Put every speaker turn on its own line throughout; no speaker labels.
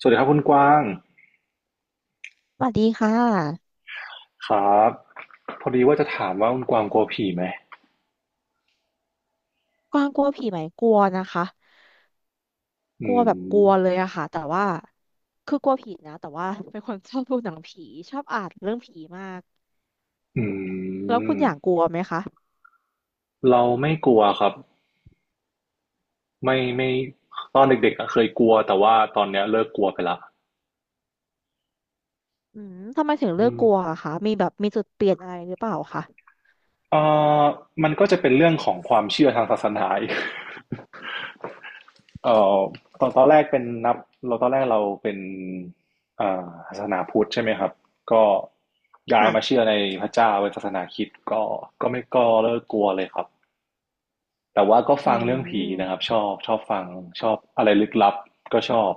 สวัสดีครับคุณกว้าง
สวัสดีค่ะ
ครับพอดีว่าจะถามว่าคุณกวางกลัวผีไหม
กวางกลัวผีไหมกลัวนะคะ
อื
กลัวแบบกลัวเล
ม
ยอะค่ะแต่ว่าคือกลัวผีนะแต่ว่าเป็นคนชอบดูหนังผีชอบอ่านเรื่องผีมาก
อื
แล้วคุณ
ม
อย่างกลัวไหมคะ
เราไม่กลัวครับไม่ไม่ตอนเด็กๆอะเคยกลัวแต่ว่าตอนเนี้ยเลิกกลัวไปละ
อืมทำไมถึงเลื
อื
อก
ม
กลัวอะคะมีแบบมีจุดเปลี่ยนอะไรหรือเปล่าคะ
เอ่อมันก็จะเป็นเรื่องของความเชื่อทางศาสนาอีก เอ่อตอนตอนแรกเป็นนับเราตอนแรกเราเป็นศาสนาพุทธใช่ไหมครับก็ย้ายมา
ค่ะ
เชื่อในพระเจ้าเป็นศาสนาคริสต์ก็ไม่ก็เลิกกลัวเลยครับ แต่ว่าก็
อื
ฟังเรื่องผีนะครับ
ม
ชอบชอบฟังชอบอะไรลึกลับก็ชอบ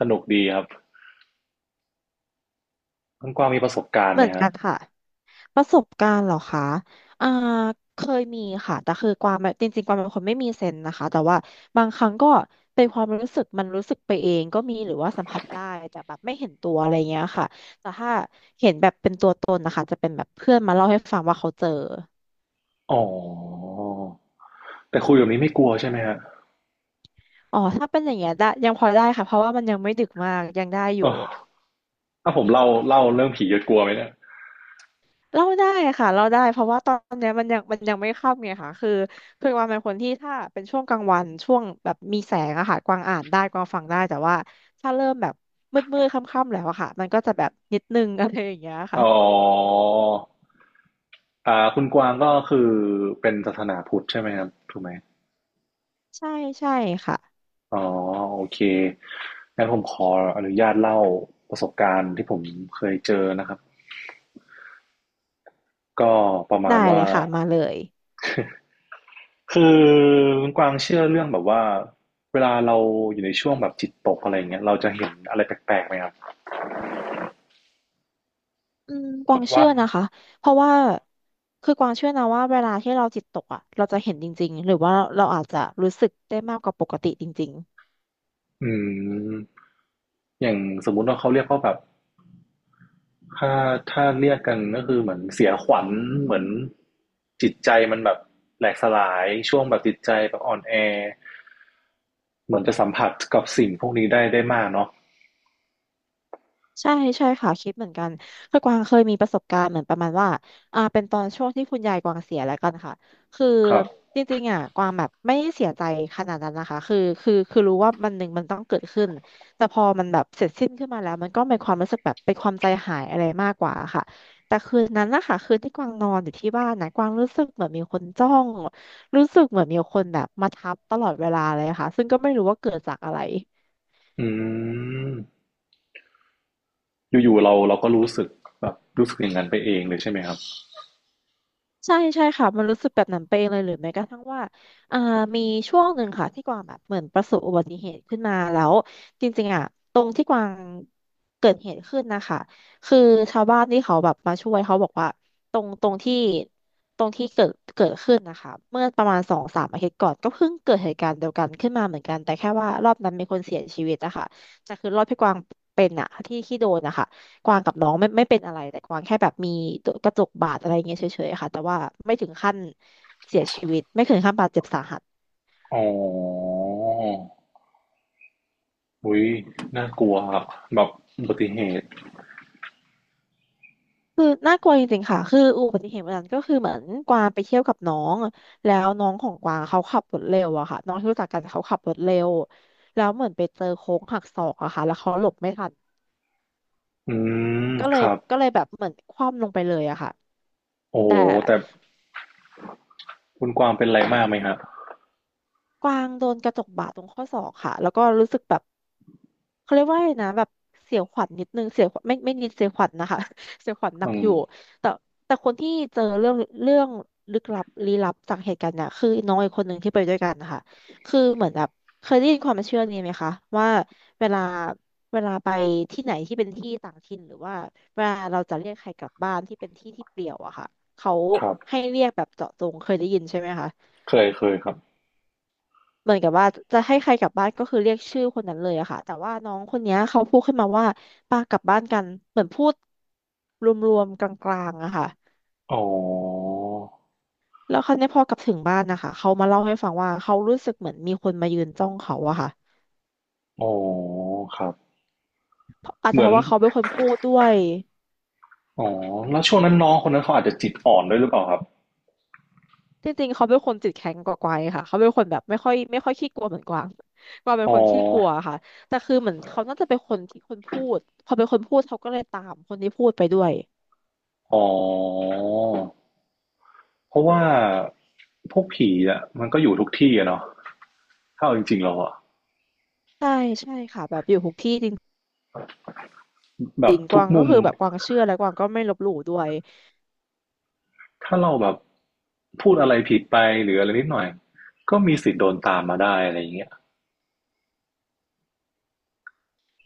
สนุกดีครับคุณกวางมีประสบการณ์
เห
ไห
มื
ม
อน
ฮะ
กันค่ะประสบการณ์เหรอคะอ่าเคยมีค่ะแต่คือกวางแบบจริงๆกวางเป็นคนไม่มีเซนส์นะคะแต่ว่าบางครั้งก็เป็นความรู้สึกมันรู้สึกไปเองก็มีหรือว่าสัมผัสได้แต่แบบไม่เห็นตัวอะไรเงี้ยค่ะแต่ถ้าเห็นแบบเป็นตัวตนนะคะจะเป็นแบบเพื่อนมาเล่าให้ฟังว่าเขาเจอ
อ๋อแต่คุยแบบนี้ไม่กลัวใช่ไหมฮะ
อ๋อถ้าเป็นอย่างเงี้ยได้ยังพอได้ค่ะเพราะว่ามันยังไม่ดึกมากยังได้อยู่
อ๋อถ้าผมเล่าเล่าเรื่องผีจะกลัวไหมเนี่ย
เล่าได้ค่ะเล่าได้เพราะว่าตอนเนี้ยมันยังไม่ค่ำไงค่ะคือคือกวางเป็นคนที่ถ้าเป็นช่วงกลางวันช่วงแบบมีแสงอะค่ะกวางอ่านได้กวางฟังได้แต่ว่าถ้าเริ่มแบบมืดค่ำๆแล้วอะค่ะมันก็จะแบบนิดนึง อะไรอย่างเงี้ย
อ๋
ค่ะ
ออ่าคุณกวางก็คือเป็นศาสนาพุทธใช่ไหมครับถูกไหม
ใช่ใช่ค่ะ
อ๋อโอเคงั้นผมขออนุญาตเล่าประสบการณ์ที่ผมเคยเจอนะครับก็ประมา
ได้
ณ
เล
ว่า
ยค่ะมาเลย
คือคุณกวางเชื่อเรื่องแบบว่าเวลาเราอยู่ในช่วงแบบจิตตกอะไรอย่างเงี้ยเราจะเห็นอะไรแปลกๆไหมครับ
อืมก
แบ
วาง
บ
เชื่
ว่า
อนะคะเพราะว่าคือกวางเชื่อนะว่าเวลาที่เราจิตตกอะเราจะเห็นจริงๆหรือว่าเราอาจจะรู้สึกได้มากกว่าปกติจริง
อืมอย่างสมมุติว่าเขาเรียกว่าแบบถ้าถ้าเรียกกันก็คือเหมือนเสียขวัญเหมือนจิตใจมันแบบแหลกสลายช่วงแบบจิตใจแบบอ่อนแอเหมือนจะสัมผัสกับสิ่งพวกนี้ได้มากเนาะ
ใช่ใช่ค่ะคิดเหมือนกันคือกวางเคยมีประสบการณ์เหมือนประมาณว่าเป็นตอนช่วงที่คุณยายกวางเสียแล้วกันค่ะคือ
ครับ
จริงๆอ่ะกวางแบบไม่ได้เสียใจขนาดนั้นนะคะคือรู้ว่ามันหนึ่งมันต้องเกิดขึ้นแต่พอมันแบบเสร็จสิ้นขึ้นมาแล้วมันก็เป็นความรู้สึกแบบเป็นความใจหายอะไรมากกว่าค่ะแต่คืนนั้นนะคะคืนที่กวางนอนอยู่ที่บ้านนะกวางรู้สึกเหมือนมีคนจ้องรู้สึกเหมือนมีคนแบบมาทับตลอดเวลาเลยค่ะซึ่งก็ไม่รู้ว่าเกิดจากอะไร
อืมอยู่ๆเราก็รู้สึกแบบรู้สึกอย่างนั้นไปเองเลยใช่ไหมครับ
ใช่ใช่ค่ะมันรู้สึกแบบนั้นไปเองเลยหรือแม้กระทั่งว่าอ่ามีช่วงหนึ่งค่ะที่กวางแบบเหมือนประสบอุบัติเหตุขึ้นมาแล้วจริงๆอ่ะตรงที่กวางเกิดเหตุขึ้นนะคะคือชาวบ้านที่เขาแบบมาช่วยเขาบอกว่าตรงตรงที่ตรงที่เกิดขึ้นนะคะเมื่อประมาณสองสามอาทิตย์ก่อนก็เพิ่งเกิดเหตุการณ์เดียวกันขึ้นมาเหมือนกันแต่แค่ว่ารอบนั้นมีคนเสียชีวิตอะค่ะแต่คือรอบพี่กวางเป็นอะที่โดนนะคะ กวางกับน้องไม่เป็นอะไรแต่กวางแค่แบบมีตัวกระจกบาดอะไรเงี้ยเฉยๆค่ะแต่ว่าไม่ถึงขั้นเสียชีวิตไม่ถึงขั้นบาดเจ็บสาหัส
อ๋อ อุ๊ยน่ากลัวครับแบบอุบัติเหตุ
คือน่ากลัวจริงๆค่ะคืออุบัติเหตุวันนั้นก็คือเหมือนกวางไปเที่ยวกับน้องแล้วน้องของกวางเขาขับรถเร็วอะค่ะน้องที่รู้จักกันเขาขับรถเร็วแล้วเหมือนไปเจอโค้งหักศอกอะค่ะแล้วเขาหลบไม่ทัน
อืม
ก็เล
ค
ย
รับ
ก็เลยแบบเหมือนคว่ำลงไปเลยอะค่ะ
โอ้
แต่
โฮแต่คุณกวางเป็นอะไรมากไหมครับ
กวางโดนกระจกบาดตรงข้อศอกค่ะแล้วก็รู้สึกแบบเขาเรียกว่าอไงนะแบบเสียวขวัญนิดนึงเสียวขวัญไม่นิดเสียวขวัญนะคะ เสียวขวัญหนั
อื
กอ
ม
ยู่แต่แต่คนที่เจอเรื่องเรื่องลึกลับลี้ลับจากเหตุการณ์เนี่ยคือน้องอีกคนหนึ่งที่ไปด้วยกันนะคะคือเหมือนแบบเคยได้ยินความเชื่อนี้ไหมคะว่าเวลาเวลาไปที่ไหนที่เป็นที่ต่างถิ่นหรือว่าเวลาเราจะเรียกใครกลับบ้านที่เป็นที่ที่เปลี่ยวอะค่ะเขา
ครับ
ให้เรียกแบบเจาะจงเคยได้ยินใช่ไหมคะ
เคยเคยครับ
เหมือนกับว่าจะให้ใครกลับบ้านก็คือเรียกชื่อคนนั้นเลยอะค่ะแต่ว่าน้องคนเนี้ยเขาพูดขึ้นมาว่าปากลับบ้านกันเหมือนพูดรวมๆกลางๆอะค่ะ
อ๋อ
แล้วคราวนี้พอกลับถึงบ้านนะคะเขามาเล่าให้ฟังว่าเขารู้สึกเหมือนมีคนมายืนจ้องเขาอะค่ะ
อ๋อครับ
เพราะอาจ
เห
จะ
มื
เพ
อน
ราะว่าเขาเป็นคนพูดด้วย
อ๋อแล้วช่วงนั้นน้องคนนั้นเขาอาจจะจิตอ่อนด้วยหรือเปล่าครับ
จริงๆเขาเป็นคนจิตแข็งกว่ากวางค่ะเขาเป็นคนแบบไม่ค่อยขี้กลัวเหมือนกวางกวางเป็น
อ๋อ
คนขี้กลัวค่ะแต่คือเหมือนเขาน่าจะเป็นคนที่คนพูดพอเป็นคนพูดเขาก็เลยตามคนที่พูดไปด้วย
อ๋อเพราะว่าพวกผีอะมันก็อยู่ทุกที่อะเนาะถ้าเอาจริงๆแล้วอะ
ใช่ใช่ค่ะแบบอยู่ทุกที่จริง
แบบทุกมุม
เชื่อ ไม่ลบหลู่ด้วย
ถ้าเราแบบพูดอะไรผิดไปหรืออะไรนิดหน่อยก็มีสิทธิ์โดนตามมาได้อะไรอย่างเงี้ย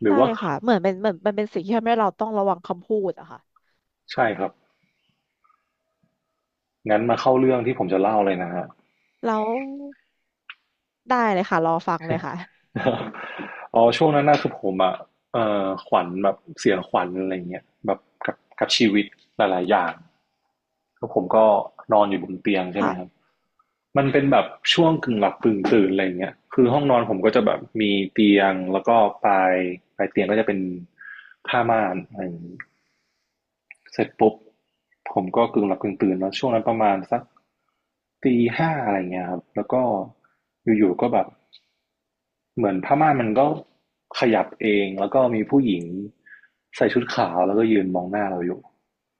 หรือ
ใช่
ว่า
ค่ะเหมือนเป็นเหมือนมันเป็นสิ่งที่ทำให้เราต้องระวังคำพูดอะค่ะ
ใช่ครับงั้นมาเข้าเรื่องที่ผมจะเล่าเลยนะฮะ
แล้วได้เลยค่ะรอฟังเลยค่ะ
อ๋อช่วงนั้นน่ะคือผมอะขวัญแบบเสียขวัญอะไรอย่างเงี้ยแบบกับชีวิตหลายๆอย่างแล้วผมก็นอนอยู่บนเตียงใช่ไหมครับ
ค่ะ
มันเป็นแบบช่วงกึ่งหลับกึ่งตื่นอะไรอย่างเงี้ยคือห้องนอนผมก็จะแบบมีเตียงแล้วก็ปลายปลายเตียงก็จะเป็นผ้าม่านอะไรอย่างงี้ เสร็จปุ๊บผมก็กึ่งหลับกึ่งตื่นเนาะช่วงนั้นประมาณสักตีห้าอะไรเงี้ยครับแล้วก็อยู่ๆก็แบบเหมือนผ้าม่านมันก็ขยับเองแล้วก็มีผู้หญิงใส่ชุดขาวแล้วก็ยืนมองหน้าเราอยู่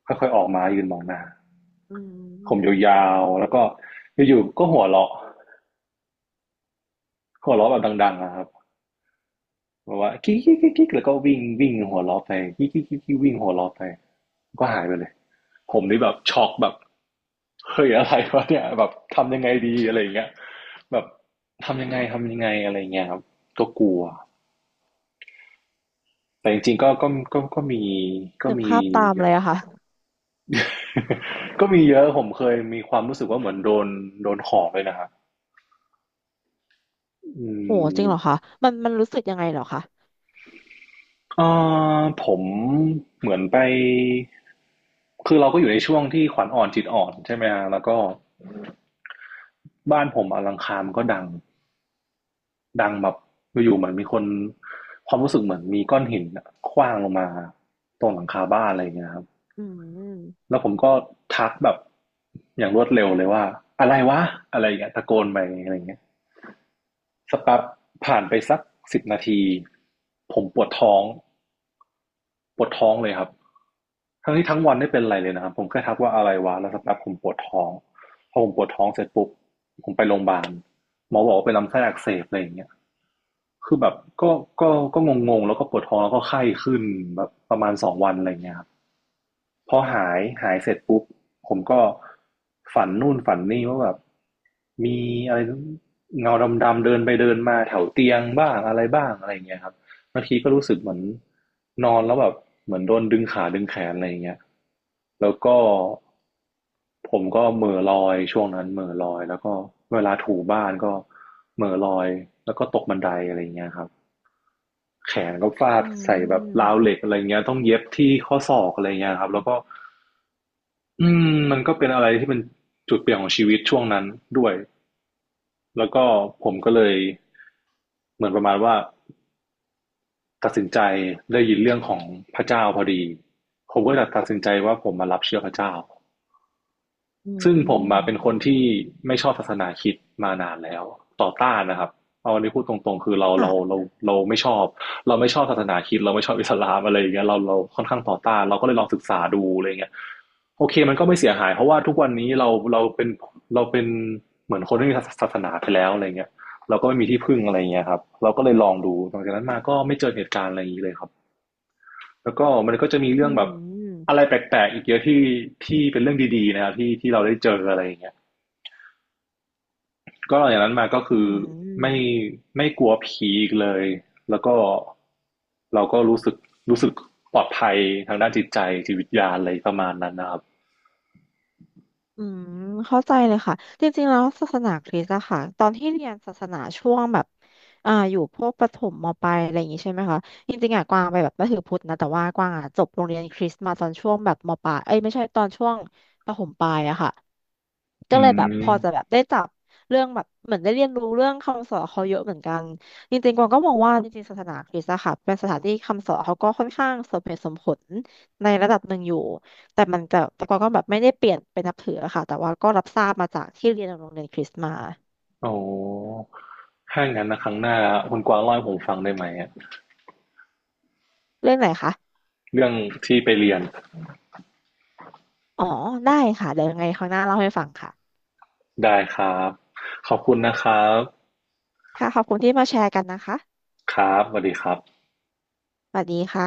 ค่อยๆออกมายืนมองหน้า
อื
ผม
ม
ยาวๆแล้วก็อยู่ๆก็หัวเราะหัวเราะแบบดังๆนะครับแบบว่ากิ๊กๆๆๆแล้วก็วิ่งวิ่งหัวเราะไปกิ๊กๆๆๆวิ่งหัวเราะไปก็หายไปเลย ผมนี่แบบช็อกแบบเฮ้ยอะไรวะเนี่ยแบบทำยังไงดีอะไรอย่างเงี้ยแบบทำยังไงทำยังไงอะไรอย่างเงี้ยครับก็กลัวแต่จริงๆก็ก็มีก็
นึก
มี
ภาพตามเลยอะค่ะ
ก็มีเยอะผมเคยมีความรู้สึกว่าเหมือนโดนห่อเลยนะครับอื
โหจริ
ม
งเหรอคะมันมันรู้สึกยังไงเหรอคะ
เอ่ผมเหมือนไปคือเราก็อยู่ในช่วงที่ขวัญอ่อนจิตอ่อนใช่ไหมฮะแล้วก็บ้านผมอลังคารมันก็ดัง ดังแบบอยู่ๆเหมือนมีคนความรู้สึกเหมือนมีก้อนหินอะขว้างลงมาตรงหลังคาบ้านอะไรอย่างเงี้ยครับ
อืม
แล้วผมก็ทักแบบอย่างรวดเร็วเลยว่าอะไรวะอะไรอย่างเงี้ยตะโกนไปอะไรอย่างเงี้ยสักแป๊บผ่านไปสักสิบนาทีผมปวดท้องปวดท้องเลยครับทั้งที่ทั้งวันไม่เป็นไรเลยนะครับผมแค่ทักว่าอะไรวะแล้วสักแป๊บผมปวดท้องพอผมปวดท้องเสร็จปุ๊บผมไปโรงพยาบาลหมอบอกว่าเป็นลำไส้อักเสบอะไรอย่างเงี้ย คือแบบก็ก็งงๆแล้วก็ปวดท้องแล้วก็ไข้ขึ้นแบบประมาณสองวันอะไรเงี้ยครับพอหายหายเสร็จปุ๊บผมก็ฝันนู่นฝันนี่ว่าแบบมีอะไรเงาดำๆเดินไปเดินมาแถวเตียงบ้างอะไรบ้างอะไรเงี้ยครับ บางทีก็รู้สึกเหมือนนอนแล้วแบบเหมือนโดนดึงขาดึงแขนอะไรอย่างเงี้ยแล้วก็ผมก็เหม่อลอยช่วงนั้นเหม่อลอยแล้วก็เวลาถูบ้านก็เหม่อลอยแล้วก็ตกบันไดอะไรอย่างเงี้ยครับแขนก็ฟาด
อื
ใส่แบบราว
ม
เหล็กอะไรเงี้ยต้องเย็บที่ข้อศอกอะไรเงี้ยครับแล้วก็อืมันก็เป็นอะไรที่เป็นจุดเปลี่ยนของชีวิตช่วงนั้นด้วยแล้วก็ผมก็เลยเหมือนประมาณว่า ตัดสินใจได้ยินเรื่องของพระเจ้าพอดีผมก็เลยตัดสินใจว่าผมมารับเชื่อพระเจ้า
อื
ซึ่งผมมาเป็นค
ม
นที่ไม่ชอบศาสนาคริดมานานแล้วต่อต้านนะครับเอาอันนี้พูดตรงๆคือเราเราเรา
ค่ะ
เราไม่ชอบเราไม่ชอบศาสนาคริดเราไม่ชอบอิสลามอะไรอย่างเงี้ยเราค่อนข้างต่อต้านเราก็เลยลองศึกษาดูอะไรเงี้ยโอเคมันก็ไม่เสียหายเพราะว่าทุกวันนี้เราเป็นเหมือนคนที่มีศาสนาไปแล้วอะไรเงี้ยเราก็ไม่มีที่พึ่งอะไรเงี้ยครับเราก็เลยลองดูหลังจากนั้นมาก็ไม่เจอเหตุการณ์อะไรอย่างนี้เลยครับ แล้วก็มันก็จะมี
อื
เรื่องแบบอะ
ม
ไรแปลกๆอีกเยอะที่ที่เป็นเรื่องดีๆนะครับที่ที่เราได้เจออะไรอย่างเงี้ยก็หลังจากนั้นมาก็คื
อื
อไม่
ม
ไม่กลัวผีอีกเลยแล้วก็เราก็รู้สึกรู้สึกปลอดภัยทางด้านจิตใจจิตวิทยาอะไรประมาณนั้นนะครับ
อืมเข้าใจเลยค่ะจริงๆแล้วศาสนาคริสต์อะค่ะตอนที่เรียนศาสนาช่วงแบบอ่าอยู่พวกประถมมปลายอะไรอย่างงี้ใช่ไหมคะจริงๆอะกวางไปแบบนับถือพุทธนะแต่ว่ากวางอะจบโรงเรียนคริสต์มาตอนช่วงแบบมปลายเอ้ยไม่ใช่ตอนช่วงประถมปลายอะค่ะก็
อื
เลยแบบพ
ม
อจะแบบได้จับเรื่องแบบเหมือนได้เรียนรู้เรื่องคำสอนเขาเยอะเหมือนกันจริงๆกวางก็มองว่าจริงๆศาสนาคริสต์อะค่ะเป็นสถานที่คำสอนเขาก็ค่อนข้างสมเหตุสมผลในระดับหนึ่งอยู่ แต่มันจะแต่ก็แบบไม่ได้เปลี่ยนเป็นนับถืออะค่ะแต่ว่าก็รับทราบมาจากที่เรียนโรงเรียนคริสต์มา
โอ้ถ้าอย่างนั้นนะครั้งหน้าคุณกวางเล่าให้ผมฟังได้ไหมอะ
เรื่องไหนคะ
เรื่องที่ไปเรียน
อ๋อได้ค่ะเดี๋ยวยังไงครั้งหน้าเล่าให้ฟังค่ะ
ได้ครับขอบคุณนะครับ
ค่ะขอบคุณที่มาแชร์กันนะคะ
ครับสวัสดีครับ
สวัสดีค่ะ